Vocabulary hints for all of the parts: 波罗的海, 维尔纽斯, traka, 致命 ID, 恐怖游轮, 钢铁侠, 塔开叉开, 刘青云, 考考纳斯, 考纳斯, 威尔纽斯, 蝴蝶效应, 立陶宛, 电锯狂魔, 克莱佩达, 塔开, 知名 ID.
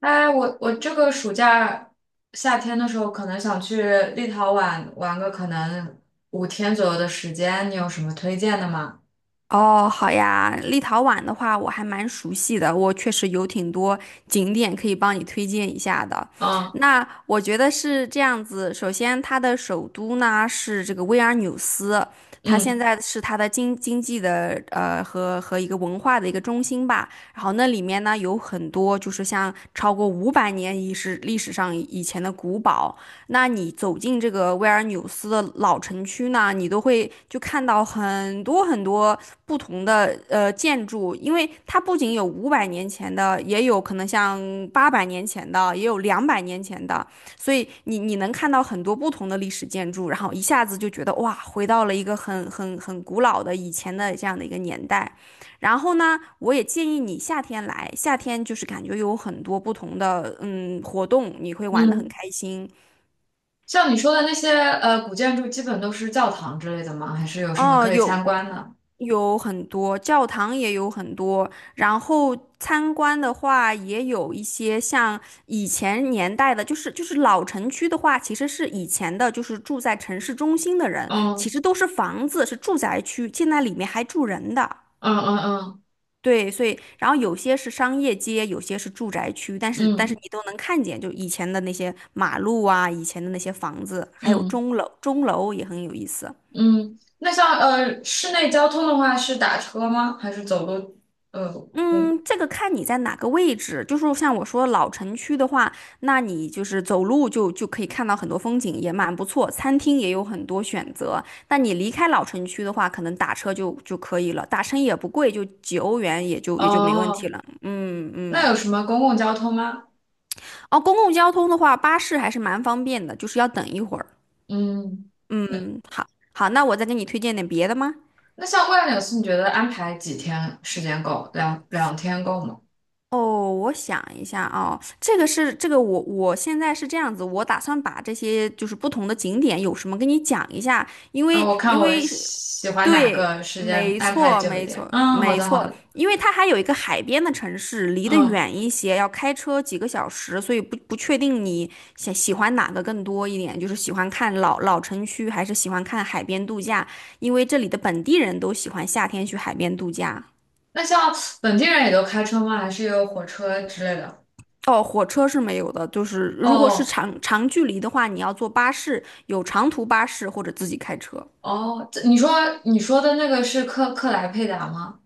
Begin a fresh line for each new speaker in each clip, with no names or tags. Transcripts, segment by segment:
哎，我这个暑假夏天的时候，可能想去立陶宛玩个可能5天左右的时间，你有什么推荐的吗？
哦，好呀，立陶宛的话我还蛮熟悉的，我确实有挺多景点可以帮你推荐一下的。
嗯
那我觉得是这样子，首先它的首都呢是这个维尔纽斯，它现
嗯
在是它的经济的和一个文化的一个中心吧。然后那里面呢有很多就是像超过五百年以是历史上以前的古堡，那你走进这个维尔纽斯的老城区呢，你都会就看到很多很多，不同的建筑，因为它不仅有500年前的，也有可能像800年前的，也有200年前的，所以你能看到很多不同的历史建筑，然后一下子就觉得哇，回到了一个很古老的以前的这样的一个年代。然后呢，我也建议你夏天来，夏天就是感觉有很多不同的活动，你会玩得很
嗯。
开心。
像你说的那些古建筑，基本都是教堂之类的吗？还是有什么
哦，
可以参
有
观的？
有很多，教堂也有很多，然后参观的话也有一些像以前年代的，就是老城区的话，其实是以前的，就是住在城市中心的人，其
嗯
实都是房子，是住宅区，现在里面还住人的。
嗯嗯嗯
对，所以然后有些是商业街，有些是住宅区，但是
嗯
你都能看见，就以前的那些马路啊，以前的那些房子，还有
嗯
钟楼，钟楼也很有意思。
嗯。那像室内交通的话，是打车吗？还是走路？呃嗯
嗯，这个看你在哪个位置，就是像我说老城区的话，那你就是走路就可以看到很多风景，也蛮不错，餐厅也有很多选择。但你离开老城区的话，可能打车就可以了，打车也不贵，就几欧元也就没问题
哦，
了。嗯嗯，
那有什么公共交通吗？
哦，公共交通的话，巴士还是蛮方便的，就是要等一会儿。
嗯。
嗯，好，好，那我再给你推荐点别的吗？
那像万柳寺，你觉得安排几天时间够？两天够吗？
哦，我想一下啊，这个是这个我现在是这样子，我打算把这些就是不同的景点有什么跟你讲一下，因
然
为
后我看
因
我
为是
喜欢哪
对，
个时间
没
安排
错
久一
没
点。
错
嗯，好
没
的好
错，
的。
因为它还有一个海边的城市，离得
嗯，
远一些，要开车几个小时，所以不确定你想喜欢哪个更多一点，就是喜欢看老城区还是喜欢看海边度假，因为这里的本地人都喜欢夏天去海边度假。
那像本地人也都开车吗？还是有火车之类的？
哦，火车是没有的，就是如果是
哦
长距离的话，你要坐巴士，有长途巴士或者自己开车。
哦，这你说的那个是克莱佩达吗？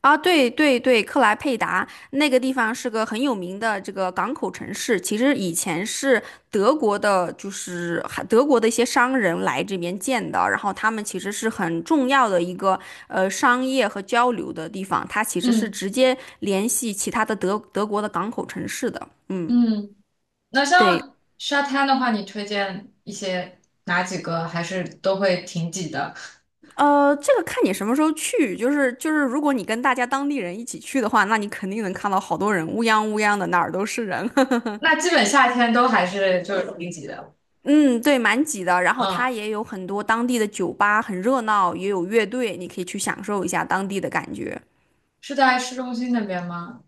啊，对对对，克莱佩达那个地方是个很有名的这个港口城市，其实以前是德国的，就是还德国的一些商人来这边建的，然后他们其实是很重要的一个商业和交流的地方，它其实是
嗯
直接联系其他的德国的港口城市的，嗯。
嗯，那
对，
像沙滩的话，你推荐一些哪几个？还是都会挺挤的？
这个看你什么时候去，就是，如果你跟大家当地人一起去的话，那你肯定能看到好多人，乌泱乌泱的，哪儿都是人。
那基本夏天都还是就是挺挤的。
嗯，对，蛮挤的。然后它
嗯。
也有很多当地的酒吧，很热闹，也有乐队，你可以去享受一下当地的感觉。
是在市中心那边吗？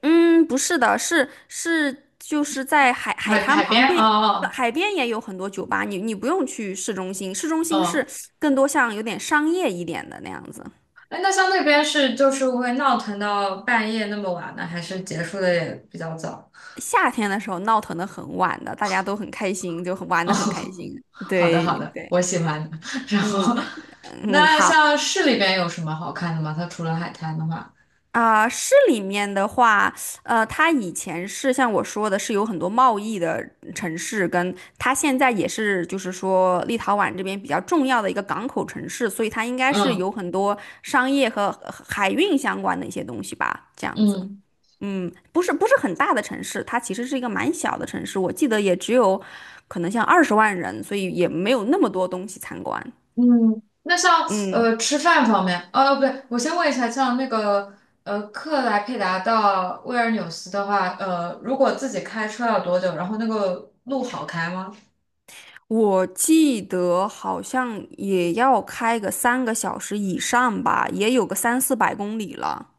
嗯，不是的，是，就是在海海
海
滩
海
旁
边？
边，
哦
海边也有很多酒吧，你不用去市中心，市中
哦
心是
哦，
更多像有点商业一点的那样子。
哎，那像那边是就是会闹腾到半夜那么晚呢，还是结束的也比较早？
夏天的时候闹腾的很晚的，大家都很开心，就很玩
哦，
的很开心。
好的
对
好的，
对，
我喜欢的 然
嗯
后，
嗯，
那像市里边有什么好看的吗？它除了海滩的话，
市里面的话，它以前是像我说的，是有很多贸易的城市，跟它现在也是，就是说立陶宛这边比较重要的一个港口城市，所以它应该是
嗯
有很多商业和海运相关的一些东西吧，这样子。
嗯。
嗯，不是很大的城市，它其实是一个蛮小的城市，我记得也只有可能像20万人，所以也没有那么多东西参观。
嗯，那像
嗯，
吃饭方面，不对，我先问一下，像那个克莱佩达到威尔纽斯的话，如果自己开车要多久？然后那个路好开吗？
我记得好像也要开个3个小时以上吧，也有个三四百公里了。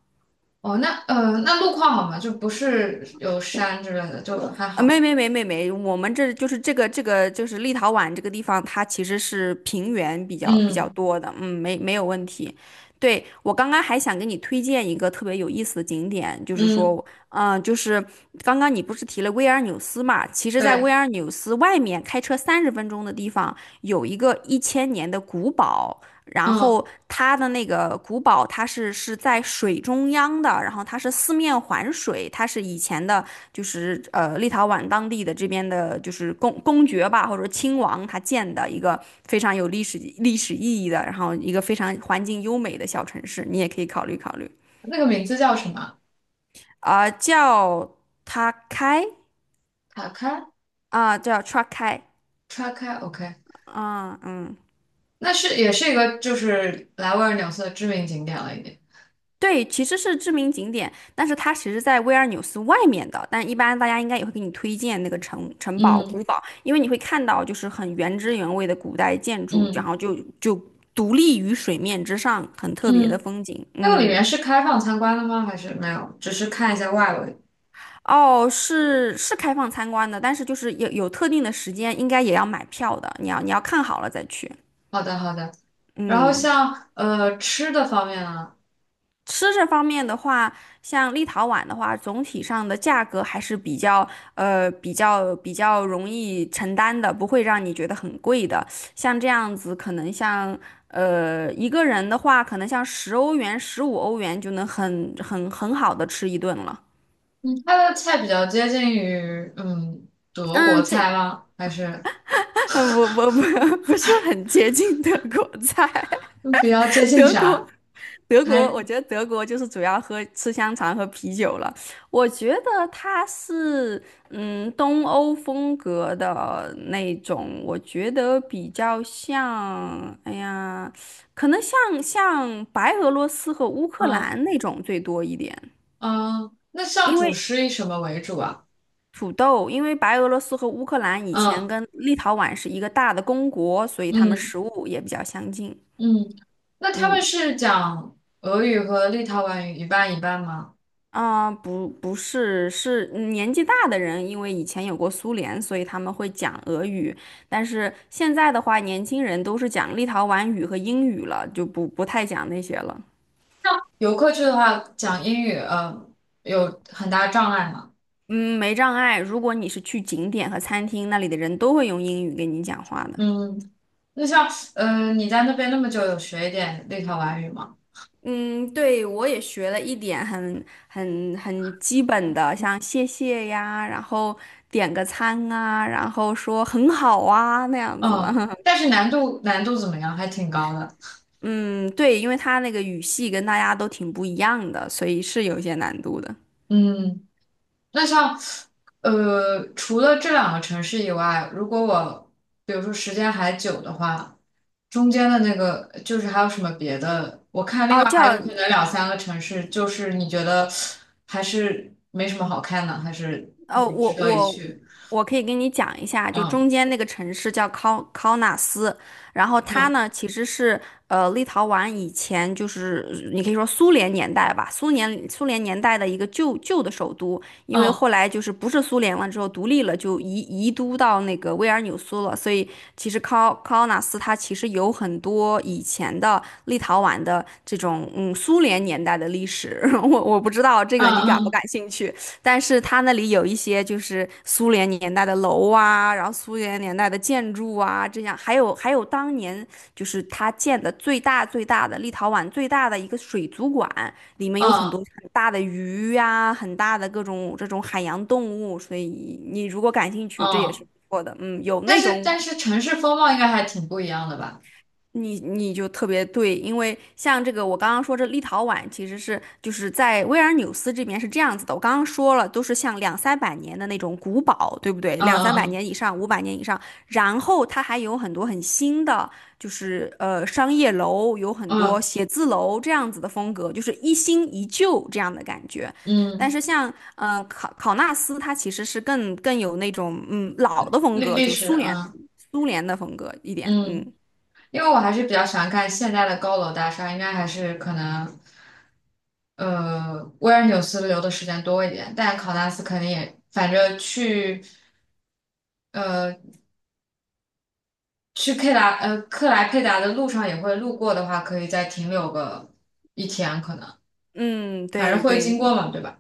哦，那路况好吗？就不是有山之类的，就还
啊，没
好。
没没没没，我们这就是这个就是立陶宛这个地方，它其实是平原比较
嗯
多的，嗯，没有问题。对，我刚刚还想给你推荐一个特别有意思的景点，就是
嗯，
说，就是刚刚你不是提了维尔纽斯嘛？其实，在维
对，
尔纽斯外面开车30分钟的地方，有一个1000年的古堡，然
嗯，
后它的那个古堡，它是在水中央的，然后它是四面环水，它是以前的。就是立陶宛当地的这边的，就是公爵吧，或者说亲王他建的一个非常有历史意义的，然后一个非常环境优美的小城市，你也可以考虑考虑
那个名字叫什么？
叫塔开
塔开
叫 Traka
叉开，OK，
啊，嗯，
那是也是一个就是来威尔纽斯的知名景点了，已经。
对，其实是知名景点，但是它其实在威尔纽斯外面的。但一般大家应该也会给你推荐那个城堡、古
嗯
堡，因为你会看到就是很原汁原味的古代建筑，然
嗯
后就独立于水面之上，很特别的
嗯。
风景。
那个里
嗯，
面是开放参观的吗？还是没有？只是看一下外围。
哦，是开放参观的，但是就是有特定的时间，应该也要买票的。你要看好了再去。
好的，好的。然后
嗯。
像吃的方面啊，
吃这方面的话，像立陶宛的话，总体上的价格还是比较比较容易承担的，不会让你觉得很贵的。像这样子，可能像一个人的话，可能像10欧元、15欧元就能很好的吃一顿了。
它的菜比较接近于德国
嗯，这
菜吗？还是
我不 不是很接近德国菜，
嗯比较接 近
德国
啥？
德国，
还
我觉得德国就是主要喝吃香肠和啤酒了。我觉得它是东欧风格的那种，我觉得比较像，哎呀，可能像白俄罗斯和乌克
嗯
兰那种最多一点，
嗯，那像
因
主
为
食以什么为主啊？
土豆，因为白俄罗斯和乌克兰以前
嗯
跟立陶宛是一个大的公国，所以他们
嗯
食物也比较相近。
嗯，那他
嗯。
们是讲俄语和立陶宛语一半一半吗？
不，不是，是年纪大的人，因为以前有过苏联，所以他们会讲俄语。但是现在的话，年轻人都是讲立陶宛语和英语了，就不太讲那些了。
游客去的话讲英语，有很大障碍吗？
嗯，没障碍。如果你是去景点和餐厅，那里的人都会用英语跟你讲话的。
嗯。那像，你在那边那么久，有学一点立陶宛语吗？
嗯，对，我也学了一点很基本的，像谢谢呀，然后点个餐啊，然后说很好啊那样子的。
嗯，但是难度怎么样？还挺高的。
嗯，对，因为他那个语系跟大家都挺不一样的，所以是有一些难度的。
嗯，那像，除了这两个城市以外，如果我比如说时间还久的话，中间的那个就是还有什么别的？我看另外
哦，
还
叫
有可能两三个城市，就是你觉得还是没什么好看的，还是
哦，
也
我
值得一
我
去？
我可以跟你讲一下，就
嗯
中间那个城市叫考纳斯，然后它
嗯
呢其实是立陶宛以前就是你可以说苏联年代吧，苏联年代的一个旧的首都，因为
嗯
后来就是不是苏联了之后独立了，就移都到那个维尔纽苏了，所以其实考纳斯它其实有很多以前的立陶宛的这种苏联年代的历史，我不知道这
嗯
个你感不
嗯
感兴趣。但是它那里有一些就是苏联年代的楼啊，然后苏联年代的建筑啊，这样还有当年就是它建的最大的立陶宛最大的一个水族馆，里面
嗯
有很
嗯。
多
嗯
很大的鱼呀、很大的各种这种海洋动物，所以你如果感兴趣，这也是
嗯，
不错的。嗯，有
但
那
是
种
但是城市风貌应该还挺不一样的吧？
你就特别对，因为像这个我刚刚说这立陶宛其实是就是在维尔纽斯这边是这样子的，我刚刚说了都是像两三百年的那种古堡，对不对？
嗯
两三百
嗯
年以上，500年以上，然后它还有很多很新的，就是商业楼，有很多
嗯
写字楼这样子的风格，就是一新一旧这样的感觉。
嗯
但
嗯，
是像考纳斯，它其实是更有那种老的风
历
格，
历
就
史，
苏联
嗯
苏联的风格一点，嗯。
嗯，因为我还是比较喜欢看现代的高楼大厦，应该还是可能维尔纽斯留的时间多一点，但考纳斯肯定也，反正呃去克莱佩达的路上也会路过的话，可以再停留个1天，可能
嗯，
反正
对
会
对
经过嘛，对吧？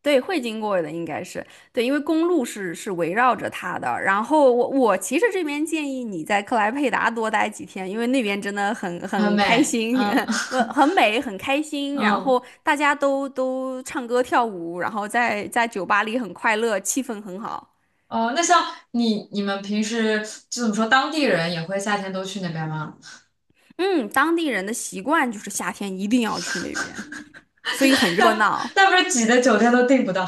对，会经过的应该是对，因为公路是围绕着它的。然后我其实这边建议你在克莱佩达多待几天，因为那边真的很
很
很开
美，
心，
嗯
呃，很 美，很开心。然
嗯。
后大家都唱歌跳舞，然后在酒吧里很快乐，气氛很好。
哦，那像你们平时就怎么说，当地人也会夏天都去那边吗？
嗯，当地人的习惯就是夏天一定要去那边，所以很 热
那
闹。
那不是挤的酒店都订不到？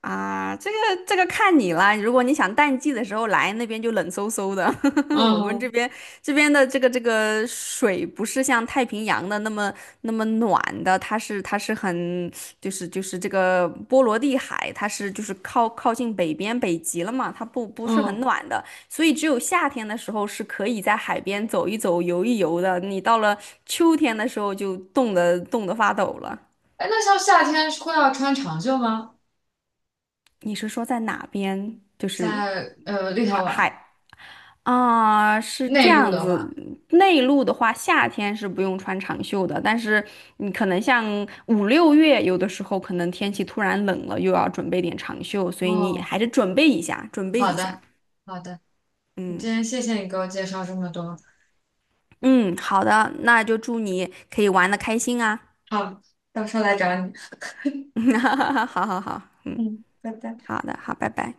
啊，这个这个看你啦。如果你想淡季的时候来，那边就冷飕飕的。我们这
嗯
边这边的这个水不是像太平洋的那么暖的，它是很就是这个波罗的海，它是就是靠近北边北极了嘛，它不是很
嗯，
暖的，所以只有夏天的时候是可以在海边走一走、游一游的。你到了秋天的时候就冻得发抖了。
哎，那像夏天会要穿长袖吗？
你是说在哪边？就是
在立
海
陶宛
海啊，是这
内陆
样
的
子。
话，
内陆的话，夏天是不用穿长袖的，但是你可能像五六月，有的时候可能天气突然冷了，又要准备点长袖，所以你
哦，
还是准备一下，准备
好
一下。
的好的，今
嗯
天谢谢你给我介绍这么多，
嗯，好的，那就祝你可以玩的开心啊。
好，到时候来找你。
好好好，嗯，
嗯，拜拜。
好的，好，拜拜。